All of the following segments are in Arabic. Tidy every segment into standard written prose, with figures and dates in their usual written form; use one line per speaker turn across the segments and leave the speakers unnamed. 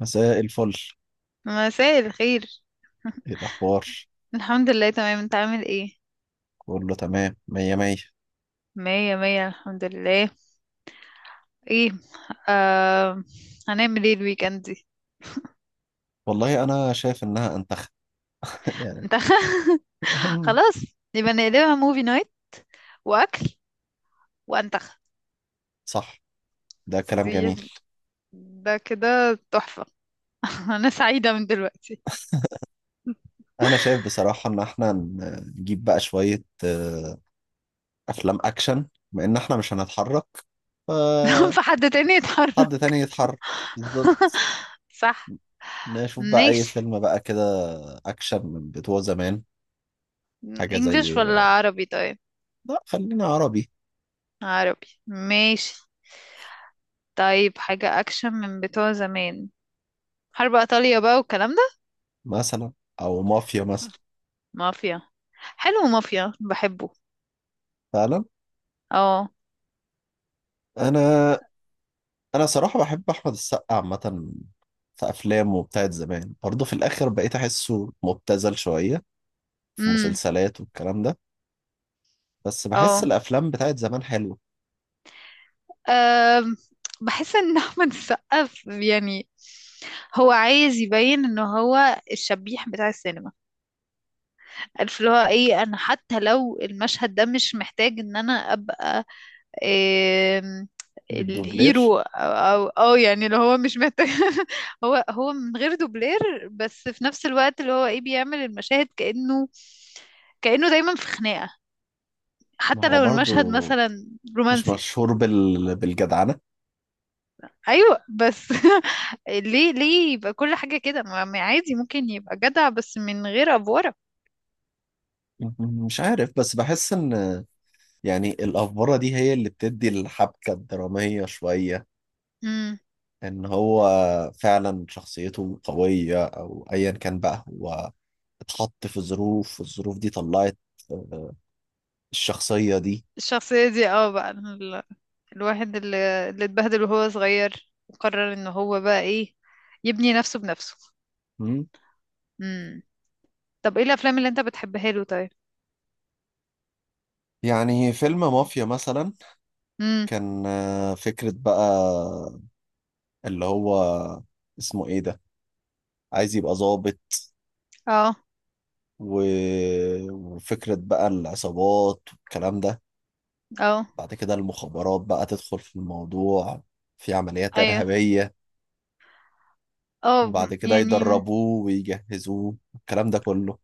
مساء الفل.
مساء الخير.
ايه الاخبار؟
الحمد لله، تمام. انت عامل ايه؟
كله تمام، مية مية.
مية مية، الحمد لله. ايه؟ آه... هنعمل ايه الويكند دي؟
والله انا شايف انها انتخ يعني.
انت. خلاص. يبقى نقلبها موفي نايت، واكل، وانتخ.
صح، ده كلام
دي
جميل.
ده كده تحفة. انا سعيدة من دلوقتي.
انا شايف بصراحة ان احنا نجيب بقى شوية افلام اكشن، بما ان احنا مش هنتحرك فحد
فحد تاني يتحرك.
تاني يتحرك. بالظبط.
صح.
نشوف بقى اي
ماشي.
فيلم بقى كده اكشن من بتوع زمان، حاجة
انجلش
زي.
ولا عربي، طيب؟
لا خلينا عربي.
عربي، ماشي. طيب، حاجة اكشن من بتوع زمان. حرب ايطاليا بقى والكلام ده.
مثلا، او مافيا مثلا.
مافيا. حلو، مافيا بحبه.
فعلا.
اه.
انا انا صراحه بحب احمد السقا عامه. في افلامه بتاعت زمان برضه في الاخر بقيت احسه مبتذل شويه في
امم.
مسلسلات والكلام ده. بس بحس
اه.
الافلام بتاعت زمان حلوه.
أم، بحس ان احمد السقا يعني هو عايز يبين ان هو الشبيح بتاع السينما. عارف اللي هو ايه، انا حتى لو المشهد ده مش محتاج ان انا ابقى آم،
الدوبلير.
الهيرو، او يعني اللي هو مش محتاج. هو من غير دوبلير، بس في نفس الوقت اللي هو ايه بيعمل المشاهد كأنه دايما في خناقة.
ما
حتى
هو
لو
برضه
المشهد مثلا
مش
رومانسي.
مشهور بالجدعنه.
ايوه، بس ليه يبقى كل حاجة كده؟ ما عادي، ممكن يبقى جدع بس من غير افورة.
مش عارف، بس بحس ان يعني الافوره دي هي اللي بتدي الحبكه الدراميه شويه.
امم.
ان هو فعلا شخصيته قويه او ايا كان بقى، هو اتحط في ظروف والظروف دي طلعت الشخصية دي.
الشخصية دي اه بقى الواحد اللي اتبهدل وهو صغير، وقرر ان هو بقى ايه، يبني نفسه بنفسه.
مم.
امم. طب ايه الافلام اللي انت بتحبها له طيب؟
يعني فيلم مافيا مثلا،
امم.
كان فكرة بقى اللي هو اسمه ايه ده، عايز يبقى ضابط
اه.
و... وفكرة بقى العصابات والكلام ده.
اه.
بعد كده المخابرات بقى تدخل في الموضوع، في عمليات
ايوه.
إرهابية.
اه،
وبعد كده
يعني
يدربوه ويجهزوه الكلام ده كله.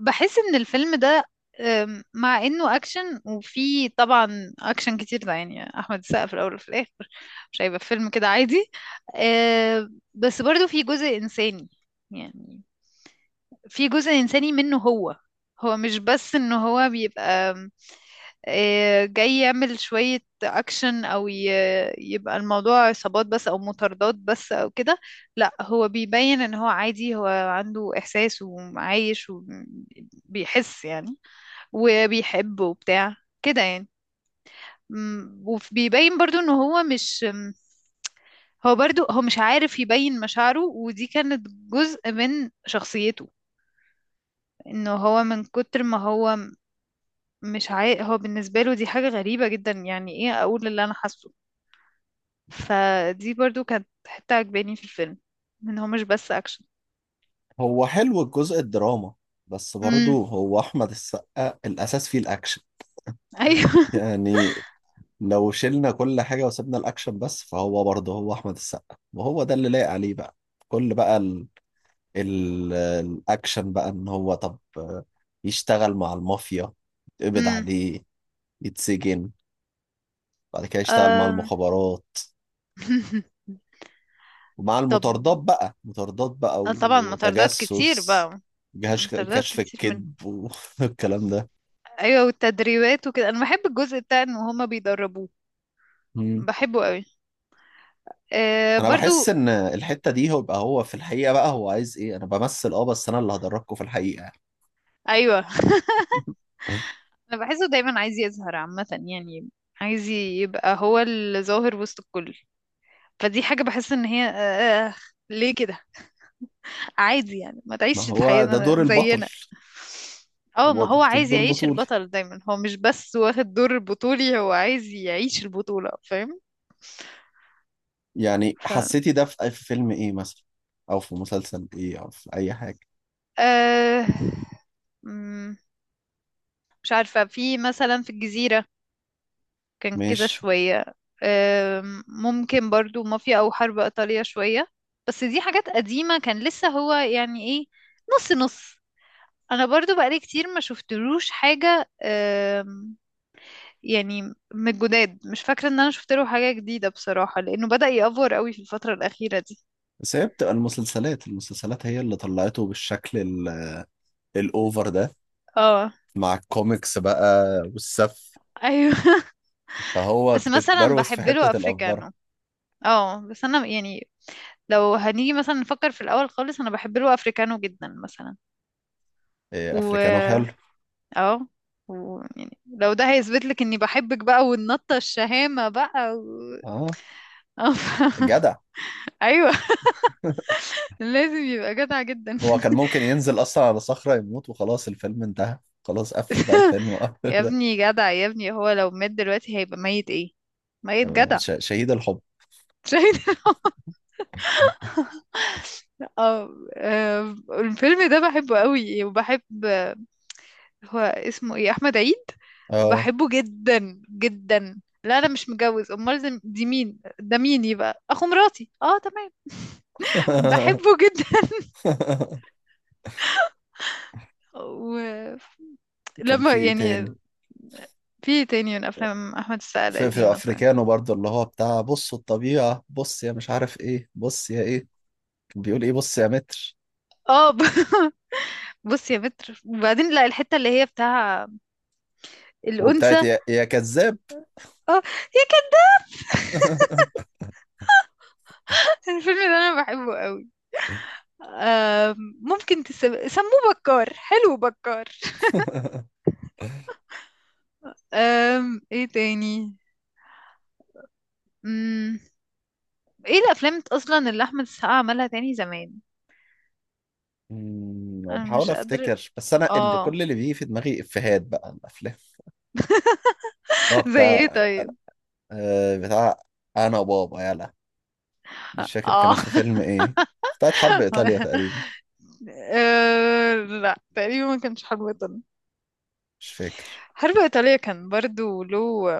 بحس ان الفيلم ده مع انه اكشن وفي طبعا اكشن كتير ده، يعني احمد السقا في الاول وفي الاخر مش هيبقى فيلم كده عادي. أه، بس برضو في جزء انساني، يعني في جزء انساني منه. هو مش بس ان هو بيبقى جاي يعمل شوية أكشن، أو يبقى الموضوع عصابات بس أو مطاردات بس أو كده. لا، هو بيبين إن هو عادي، هو عنده إحساس وعايش وبيحس يعني، وبيحب وبتاع كده يعني. وبيبين برضو إن هو مش هو برضو هو مش عارف يبين مشاعره، ودي كانت جزء من شخصيته. انه هو من كتر ما هو مش عاي... هو بالنسبة له دي حاجة غريبة جدا، يعني ايه اقول اللي انا حاسه. فدي برضو كانت حتة عجباني في الفيلم، ان هو مش بس اكشن.
هو حلو الجزء الدراما، بس برضه
امم.
هو أحمد السقا الأساس فيه الأكشن.
ايوه.
يعني لو شلنا كل حاجة وسبنا الأكشن بس، فهو برضه هو أحمد السقا وهو ده اللي لايق عليه بقى. كل بقى الأكشن بقى، إن هو طب يشتغل مع المافيا، يتقبض
امم.
عليه، يتسجن، بعد كده يشتغل مع
أم.
المخابرات، ومع
طب،
المطاردات بقى، مطاردات بقى
أنا طبعا مطاردات كتير
وتجسس،
بقى،
جهاز
مطاردات
كشف
كتير من.
الكذب والكلام ده.
ايوه، والتدريبات وكده، انا بحب الجزء بتاع ان هما بيدربوه.
مم.
بحبه قوي. أه،
انا
برضو.
بحس ان الحته دي، هو بقى هو في الحقيقه بقى هو عايز ايه، انا بمثل اه بس انا اللي هدركه في الحقيقه.
ايوه. انا بحسه دايما عايز يظهر عامه يعني، عايز يبقى هو الظاهر وسط الكل. فدي حاجه بحس ان هي أه آه، ليه كده؟ عادي يعني، ما
ما
تعيش
هو
الحياة
ده دور البطل.
زينا. اه،
هو
ما هو
محطوط
عايز
دور
يعيش
بطولي.
البطل دايما، هو مش بس واخد دور البطولي، هو عايز يعيش البطولة، فاهم؟
يعني
ف
حسيتي ده في فيلم ايه مثلا، او في مسلسل ايه، او في اي حاجه؟
آه... مم، مش عارفة، في مثلا في الجزيرة كان كده
مش
شوية. آه... ممكن برضو مافيا أو حرب إيطالية شوية. بس دي حاجات قديمة، كان لسه هو يعني ايه، نص نص. أنا برضو بقالي كتير ما شفتلوش حاجة، يعني من الجداد مش فاكرة ان انا شفت له حاجة جديدة بصراحة، لانه بدأ يأفور قوي في الفترة الأخيرة دي.
بس. هي بتبقى المسلسلات هي اللي طلعته بالشكل الاوفر ده،
اه.
مع الكوميكس بقى والسف.
ايوه.
فهو
بس مثلا
اتبروز في
بحب له
حته الافبره.
افريكانو. اه، بس انا يعني لو هنيجي مثلا نفكر في الاول خالص، انا بحب له افريكانو جدا مثلا.
إيه،
و
افريكانو حلو.
اه. يعني لو ده هيثبت لك اني بحبك بقى، والنطة الشهامة بقى.
اه،
آه، ف-
جدع.
ايوه. لازم يبقى جدع جدا.
هو كان ممكن ينزل اصلا على صخره يموت وخلاص الفيلم انتهى، خلاص قفل بقى الفيلم وقفل
يا
ده.
ابني، جدع يا ابني، هو لو مات دلوقتي هيبقى ميت ايه؟ ميت جدع.
شهيد الحب.
شاهد. اه. الفيلم ده بحبه قوي، وبحب. هو اسمه ايه، احمد عيد.
اه.
بحبه جدا جدا. لا، انا مش متجوز، امال دي مين؟ ده مين؟ يبقى اخو مراتي، اه تمام. بحبه جدا.
كان
ولما
في ايه تاني؟
يعني في تاني من افلام احمد السقا
في في
القديمه طيب.
افريكانو برضه اللي هو بتاع بصوا الطبيعة، بص يا مش عارف ايه، بص يا ايه، كان بيقول ايه، بص يا متر.
اه، بص يا متر، وبعدين لا، الحته اللي هي بتاع
وبتاعت
الانثى.
يا كذاب.
اه. يا كده. الفيلم ده انا بحبه قوي. ممكن سموه بكار، حلو بكار. ايه تاني؟ مم. ايه الافلام اصلا اللي احمد السقا عملها تاني زمان؟
مم،
انا
بحاول
مش قادر.
افتكر بس انا اللي
اه.
كل اللي بيجي في دماغي افيهات بقى عن الافلام. اللي هو
زي ايه
بتاع انا،
طيب؟
بتاع انا بابا يلا، دي مش فاكر
اه.
كانت في فيلم ايه، بتاعت حرب ايطاليا تقريبا.
لا تقريبا ما كانش حرب ايطاليا.
مش فاكر.
حرب ايطاليا كان برضو له،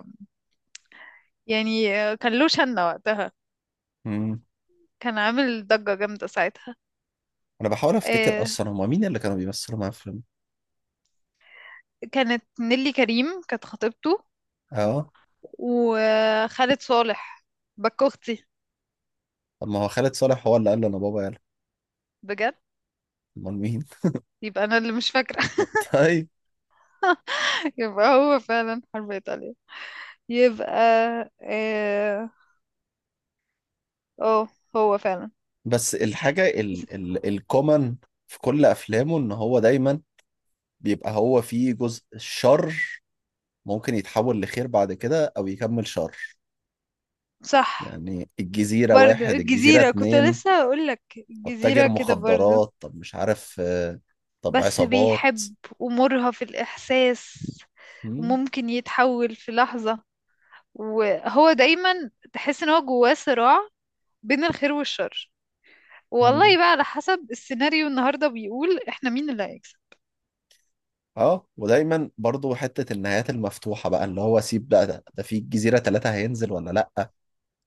يعني كان له شنة وقتها،
مم.
كان عامل ضجة جامدة ساعتها.
انا بحاول افتكر
آه،
اصلا هما مين اللي كانوا بيمثلوا معاه في الفيلم.
كانت نيلي كريم كانت خطيبته،
اه.
وخالد صالح. باك اختي.
طب ما هو خالد صالح هو اللي قال له انا بابا يلا؟
بجد؟
امال مين؟
يبقى انا اللي مش فاكره.
طيب.
يبقى هو فعلا حرب ايطاليا. يبقى اه، آه، هو فعلا.
بس الحاجه ال الكومن في كل افلامه، ان هو دايما بيبقى هو فيه جزء شر، ممكن يتحول لخير بعد كده او يكمل شر.
صح.
يعني الجزيره
برضو
واحد، الجزيره
الجزيره كنت
اتنين.
لسه اقول لك،
طب تاجر
الجزيره كده برضو.
مخدرات، طب مش عارف، طب
بس
عصابات.
بيحب، امورها في الاحساس،
مم،
وممكن يتحول في لحظه. وهو دايما تحس ان هو جواه صراع بين الخير والشر.
مم.
والله بقى على حسب السيناريو النهارده بيقول احنا مين اللي هيكسب.
اه، ودايما برضو حته النهايات المفتوحه بقى، اللي هو سيب بقى ده في الجزيره ثلاثه هينزل ولا لا؟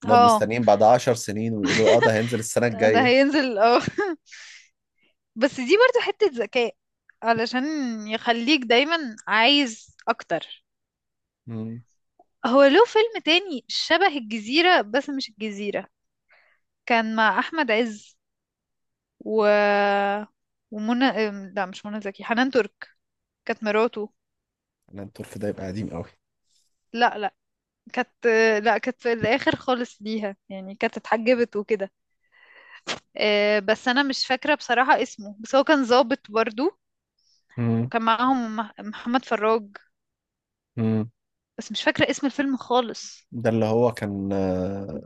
نقعد
اه،
مستنيين بعد 10 سنين ويقولوا اه ده هينزل السنة
ده
الجاية.
هينزل، اه. بس دي برضو حتة ذكاء، علشان يخليك دايما عايز اكتر.
امم.
هو له فيلم تاني شبه الجزيرة، بس مش الجزيرة. كان مع احمد عز و ومنى لا مش منى زكي، حنان ترك. كانت مراته.
انا الطرف ده يبقى قديم قوي.
لا، لا. كانت. لا، كانت في الاخر خالص ليها يعني، كانت اتحجبت وكده. بس انا مش فاكرة بصراحة اسمه، بس هو كان ظابط برضو.
مم.
وكان معاهم محمد فراج.
مم.
بس مش فاكرة اسم الفيلم خالص.
ده اللي هو كان آه،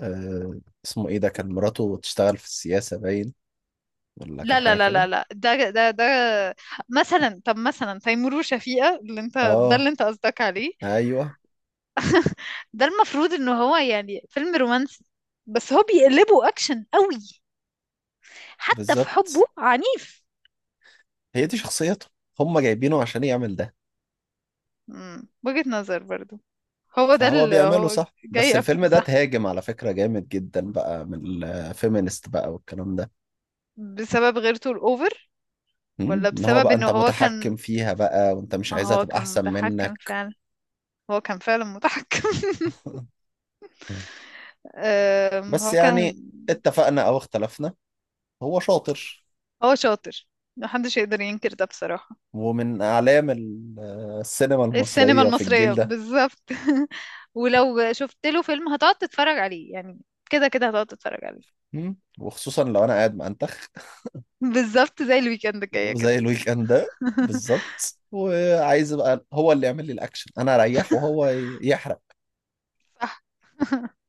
آه اسمه ايه ده، كان مراته تشتغل في السياسة باين، ولا كان
لا، لا،
حاجة
لا،
كده؟
لا، لا، ده ده ده مثلا، طب مثلا تيمور وشفيقة اللي انت، ده
اه.
اللي انت قصدك عليه.
ايوه.
ده المفروض ان هو يعني فيلم رومانسي، بس هو بيقلبه اكشن قوي. حتى في حبه
بالظبط،
عنيف.
هي دي شخصيته، هم جايبينه عشان يعمل ده.
مم. وجهة نظر برضو، هو ده
فهو
اللي
بيعمله
هو
صح، بس
جاي.
الفيلم ده
صح.
تهاجم على فكرة جامد جدا بقى من الفيمينست بقى والكلام ده.
بسبب غيرته الأوفر.
مم.
ولا
ان هو
بسبب
بقى
ان
انت
هو كان،
متحكم فيها بقى وانت مش عايزها
هو
تبقى
كان
احسن
متحكم
منك.
فعلا. هو كان فعلا متحكم. أم،
بس
هو
يعني،
كان
اتفقنا أو اختلفنا، هو شاطر.
هو شاطر، محدش يقدر ينكر ده بصراحة.
ومن أعلام السينما
السينما
المصرية في
المصرية
الجيل ده.
بالظبط. ولو شفت له فيلم هتقعد تتفرج عليه يعني، كده كده هتقعد تتفرج عليه.
مم. وخصوصا لو أنا قاعد مأنتخ
بالظبط، زي الويكند جاية
زي
كده.
الويك إند ده. بالظبط، وعايز بقى هو اللي يعمل لي الأكشن، أنا أريح وهو يحرق.
صح.